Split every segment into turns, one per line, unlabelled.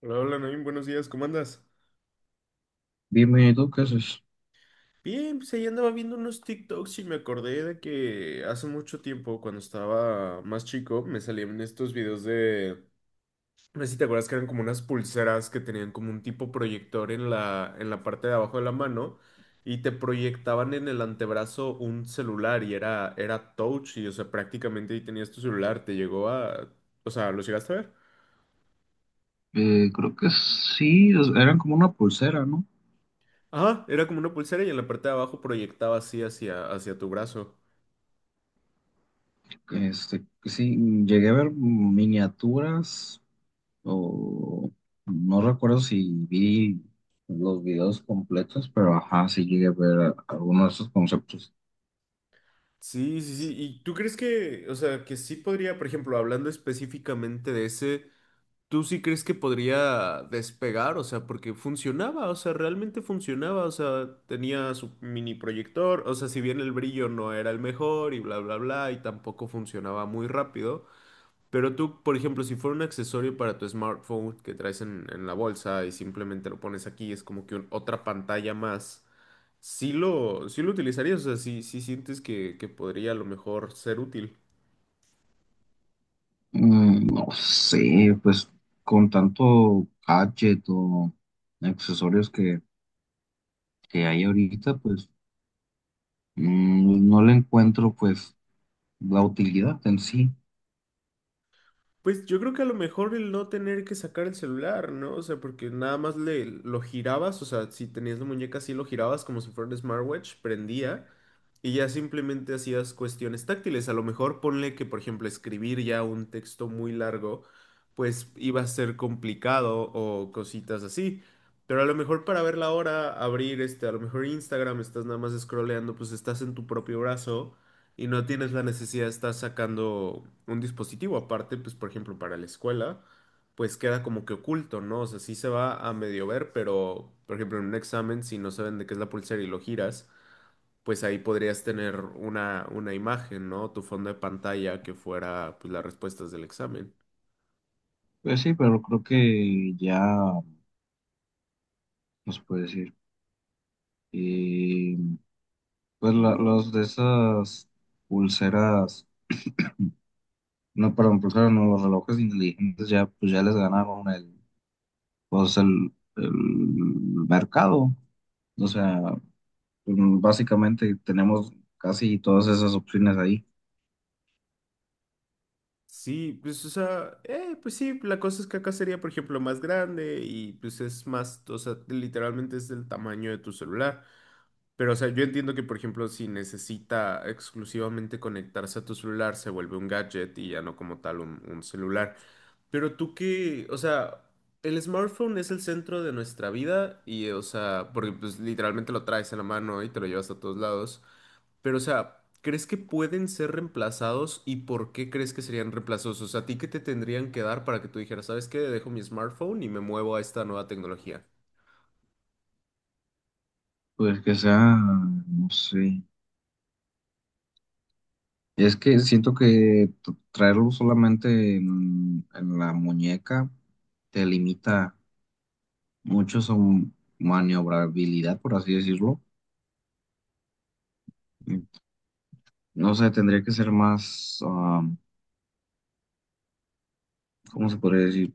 Hola, hola, Naim, buenos días, ¿cómo andas?
Dime, ¿tú qué haces?
Bien, pues ahí andaba viendo unos TikToks y me acordé de que hace mucho tiempo, cuando estaba más chico, me salían estos videos de, no sé si te acuerdas que eran como unas pulseras que tenían como un tipo proyector en la parte de abajo de la mano y te proyectaban en el antebrazo un celular y era, era touch y, o sea, prácticamente ahí tenías tu celular, te llegó a, o sea, ¿lo llegaste a ver?
Creo que sí, eran como una pulsera, ¿no?
Ajá, era como una pulsera y en la parte de abajo proyectaba así hacia, hacia tu brazo.
Sí, llegué a ver miniaturas o no recuerdo si vi los videos completos, pero ajá, sí llegué a ver algunos de esos conceptos.
Sí, sí, sí. ¿Y tú crees que, o sea, que sí podría, por ejemplo, hablando específicamente de ese, tú sí crees que podría despegar? O sea, porque funcionaba, o sea, realmente funcionaba, o sea, tenía su mini proyector, o sea, si bien el brillo no era el mejor y bla, bla, bla, y tampoco funcionaba muy rápido, pero tú, por ejemplo, si fuera un accesorio para tu smartphone que traes en la bolsa y simplemente lo pones aquí, es como que otra pantalla más. Sí lo utilizarías, o sea, sí, sí sientes que podría a lo mejor ser útil.
No sé, pues con tanto gadget o accesorios que hay ahorita, pues no le encuentro pues la utilidad en sí.
Pues yo creo que a lo mejor el no tener que sacar el celular, ¿no? O sea, porque nada más le, lo girabas, o sea, si tenías la muñeca así lo girabas como si fuera un smartwatch, prendía y ya simplemente hacías cuestiones táctiles. A lo mejor ponle que, por ejemplo, escribir ya un texto muy largo, pues iba a ser complicado o cositas así. Pero a lo mejor para ver la hora, abrir este, a lo mejor Instagram, estás nada más scrolleando, pues estás en tu propio brazo y no tienes la necesidad de estar sacando un dispositivo aparte, pues por ejemplo para la escuela, pues queda como que oculto, ¿no? O sea, sí se va a medio ver, pero por ejemplo en un examen, si no saben de qué es la pulsera y lo giras, pues ahí podrías tener una imagen, ¿no? Tu fondo de pantalla que fuera pues las respuestas del examen.
Pues sí, pero creo que ya, no se puede decir. Y pues los de esas pulseras, no, perdón, pulseras, no, los relojes inteligentes ya, pues ya les ganaron pues el mercado. O sea, pues, básicamente tenemos casi todas esas opciones ahí.
Sí, pues o sea, pues sí, la cosa es que acá sería, por ejemplo, más grande y pues es más, o sea, literalmente es del tamaño de tu celular. Pero, o sea, yo entiendo que, por ejemplo, si necesita exclusivamente conectarse a tu celular, se vuelve un gadget y ya no como tal un celular. Pero tú qué, o sea, el smartphone es el centro de nuestra vida y, o sea, porque pues literalmente lo traes en la mano y te lo llevas a todos lados. Pero, o sea, ¿crees que pueden ser reemplazados y por qué crees que serían reemplazados? O sea, ¿a ti qué te tendrían que dar para que tú dijeras, ¿sabes qué? Dejo mi smartphone y me muevo a esta nueva tecnología.
Pues que sea, no sé. Es que siento que traerlo solamente en la muñeca te limita. Muchos son maniobrabilidad, por así decirlo. Mm, No sé, tendría que ser más, ¿cómo se podría decir?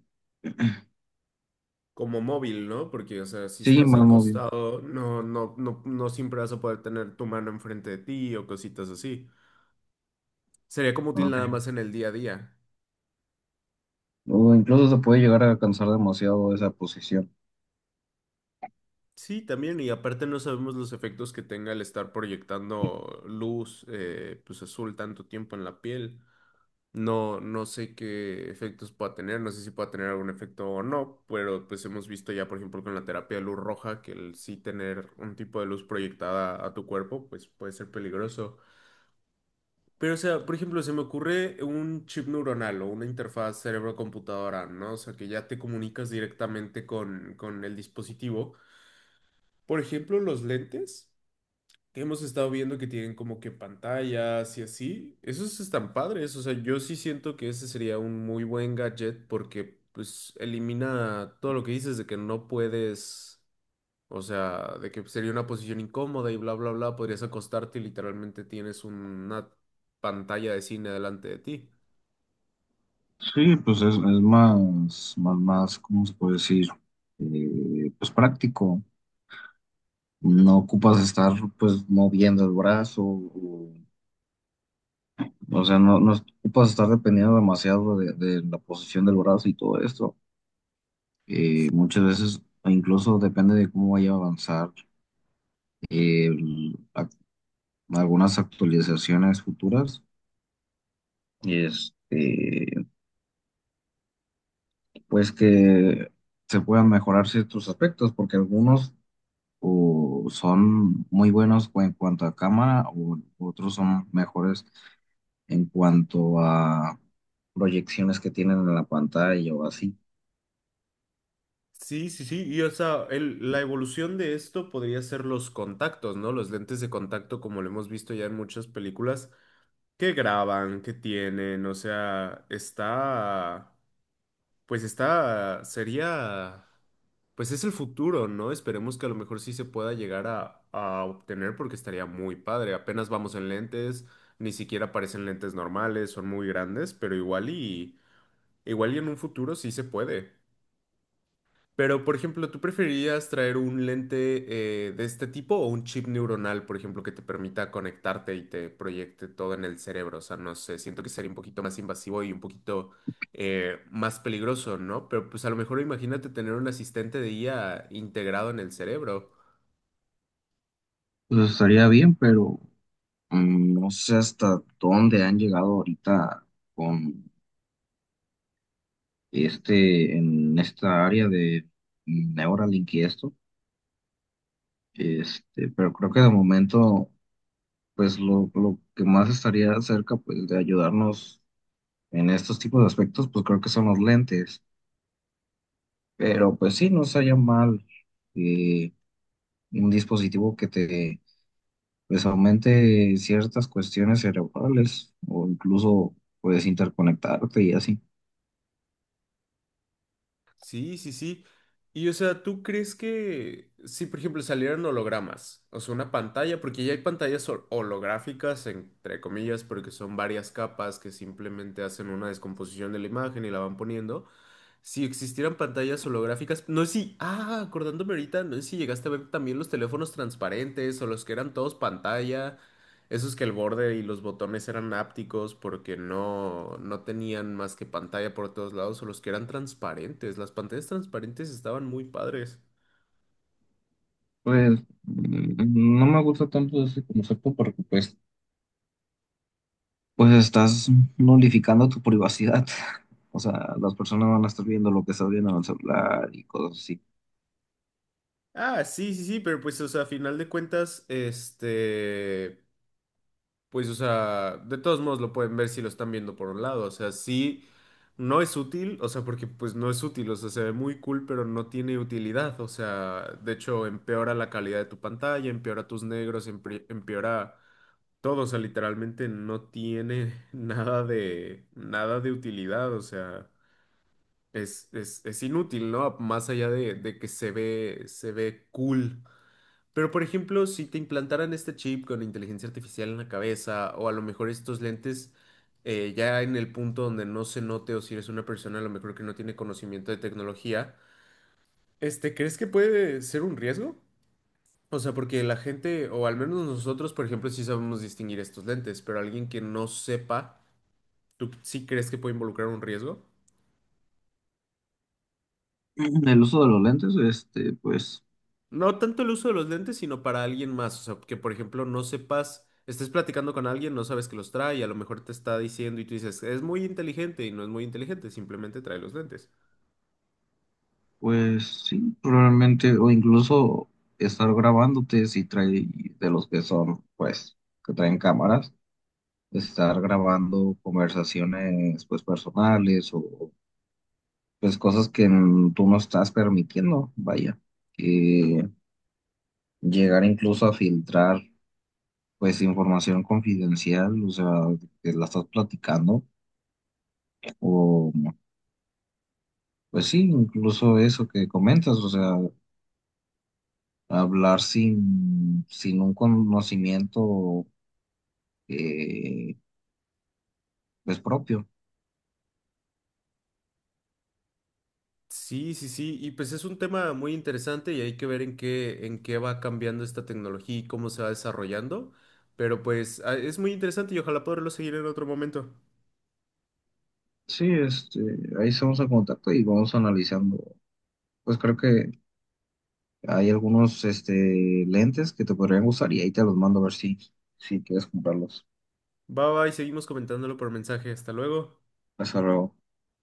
Como móvil, ¿no? Porque, o sea, si
Sí,
estás
más móvil.
acostado, no, no, no, no siempre vas a poder tener tu mano enfrente de ti o cositas así. Sería como útil nada
Ah.
más en el día a día.
O incluso se puede llegar a cansar demasiado esa posición.
Sí, también, y aparte no sabemos los efectos que tenga el estar proyectando luz, pues azul tanto tiempo en la piel. No, no sé qué efectos pueda tener, no sé si pueda tener algún efecto o no, pero pues hemos visto ya, por ejemplo, con la terapia de luz roja, que el sí tener un tipo de luz proyectada a tu cuerpo, pues puede ser peligroso. Pero, o sea, por ejemplo, se me ocurre un chip neuronal o una interfaz cerebro-computadora, ¿no? O sea, que ya te comunicas directamente con el dispositivo. Por ejemplo, los lentes que hemos estado viendo que tienen como que pantallas y así, esos están padres. O sea, yo sí siento que ese sería un muy buen gadget porque, pues, elimina todo lo que dices de que no puedes. O sea, de que sería una posición incómoda y bla, bla, bla, podrías acostarte y literalmente tienes una pantalla de cine delante de ti.
Sí, pues es más, más, más, ¿cómo se puede decir? Pues práctico. No ocupas estar pues moviendo el brazo, o sea, no, no ocupas estar dependiendo demasiado de la posición del brazo y todo esto. Muchas veces, o incluso depende de cómo vaya a avanzar eh, el- ac- algunas actualizaciones futuras, este, pues que se puedan mejorar ciertos aspectos, porque algunos o son muy buenos en cuanto a cámara, o otros son mejores en cuanto a proyecciones que tienen en la pantalla o así.
Sí, sí, sí, y o sea, la evolución de esto podría ser los contactos, ¿no? Los lentes de contacto, como lo hemos visto ya en muchas películas, que graban, que tienen, o sea, está... Pues está, sería, pues es el futuro, ¿no? Esperemos que a lo mejor sí se pueda llegar a obtener porque estaría muy padre. Apenas vamos en lentes, ni siquiera parecen lentes normales, son muy grandes, pero igual y, igual y en un futuro sí se puede. Pero, por ejemplo, ¿tú preferirías traer un lente de este tipo o un chip neuronal, por ejemplo, que te permita conectarte y te proyecte todo en el cerebro? O sea, no sé, siento que sería un poquito más invasivo y un poquito más peligroso, ¿no? Pero pues a lo mejor imagínate tener un asistente de IA integrado en el cerebro.
Pues estaría bien, pero no sé hasta dónde han llegado ahorita con en esta área de Neuralink y esto, pero creo que de momento, pues lo que más estaría cerca, pues, de ayudarnos en estos tipos de aspectos, pues creo que son los lentes, pero pues sí, no sería mal eh, un dispositivo que te, pues, aumente ciertas cuestiones cerebrales o incluso, puedes interconectarte y así.
Sí, sí, sí. Y o sea, ¿tú crees que si, por ejemplo, salieran hologramas, o sea, una pantalla, porque ya hay pantallas holográficas, entre comillas, porque son varias capas que simplemente hacen una descomposición de la imagen y la van poniendo, si existieran pantallas holográficas, no sé si, acordándome ahorita, no sé si llegaste a ver también los teléfonos transparentes o los que eran todos pantalla, esos que el borde y los botones eran ápticos porque no, no tenían más que pantalla por todos lados o los que eran transparentes, las pantallas transparentes estaban muy padres.
Pues no me gusta tanto ese concepto porque pues Pues estás nulificando tu privacidad. O sea, las personas van a estar viendo lo que estás viendo en el celular y cosas así.
Ah, sí, sí, sí, pero pues, o sea, a final de cuentas, este... Pues, o sea, de todos modos lo pueden ver si lo están viendo por un lado. O sea, sí, no es útil, o sea, porque pues no es útil, o sea, se ve muy cool, pero no tiene utilidad. O sea, de hecho, empeora la calidad de tu pantalla, empeora tus negros, empeora todo. O sea, literalmente no tiene nada de, nada de utilidad. O sea, es inútil, ¿no? Más allá de que se ve cool. Pero, por ejemplo, si te implantaran este chip con inteligencia artificial en la cabeza, o a lo mejor estos lentes ya en el punto donde no se note, o si eres una persona a lo mejor que no tiene conocimiento de tecnología, este, ¿crees que puede ser un riesgo? O sea, porque la gente, o al menos nosotros, por ejemplo, sí sabemos distinguir estos lentes, pero alguien que no sepa, ¿tú sí crees que puede involucrar un riesgo?
El uso de los lentes, este, pues,
No tanto el uso de los lentes, sino para alguien más. O sea, que por ejemplo no sepas, estés platicando con alguien, no sabes que los trae, y a lo mejor te está diciendo y tú dices, es muy inteligente y no es muy inteligente, simplemente trae los lentes.
pues sí, probablemente, o incluso estar grabándote si trae de los que son, pues, que traen cámaras, estar grabando conversaciones, pues, personales o, pues, cosas que tú no estás permitiendo, vaya, que llegar incluso a filtrar pues información confidencial, o sea, que la estás platicando, o pues sí, incluso eso que comentas, o sea, hablar sin un conocimiento eh, pues propio.
Sí, sí, sí, y pues es un tema muy interesante y hay que ver en qué va cambiando esta tecnología y cómo se va desarrollando. Pero pues es muy interesante y ojalá poderlo seguir en otro momento.
Sí, ahí estamos en contacto y vamos analizando. Pues creo que hay algunos lentes que te podrían gustar y ahí te los mando a ver si, si quieres comprarlos.
Bye bye, seguimos comentándolo por mensaje. Hasta luego.
Hasta luego.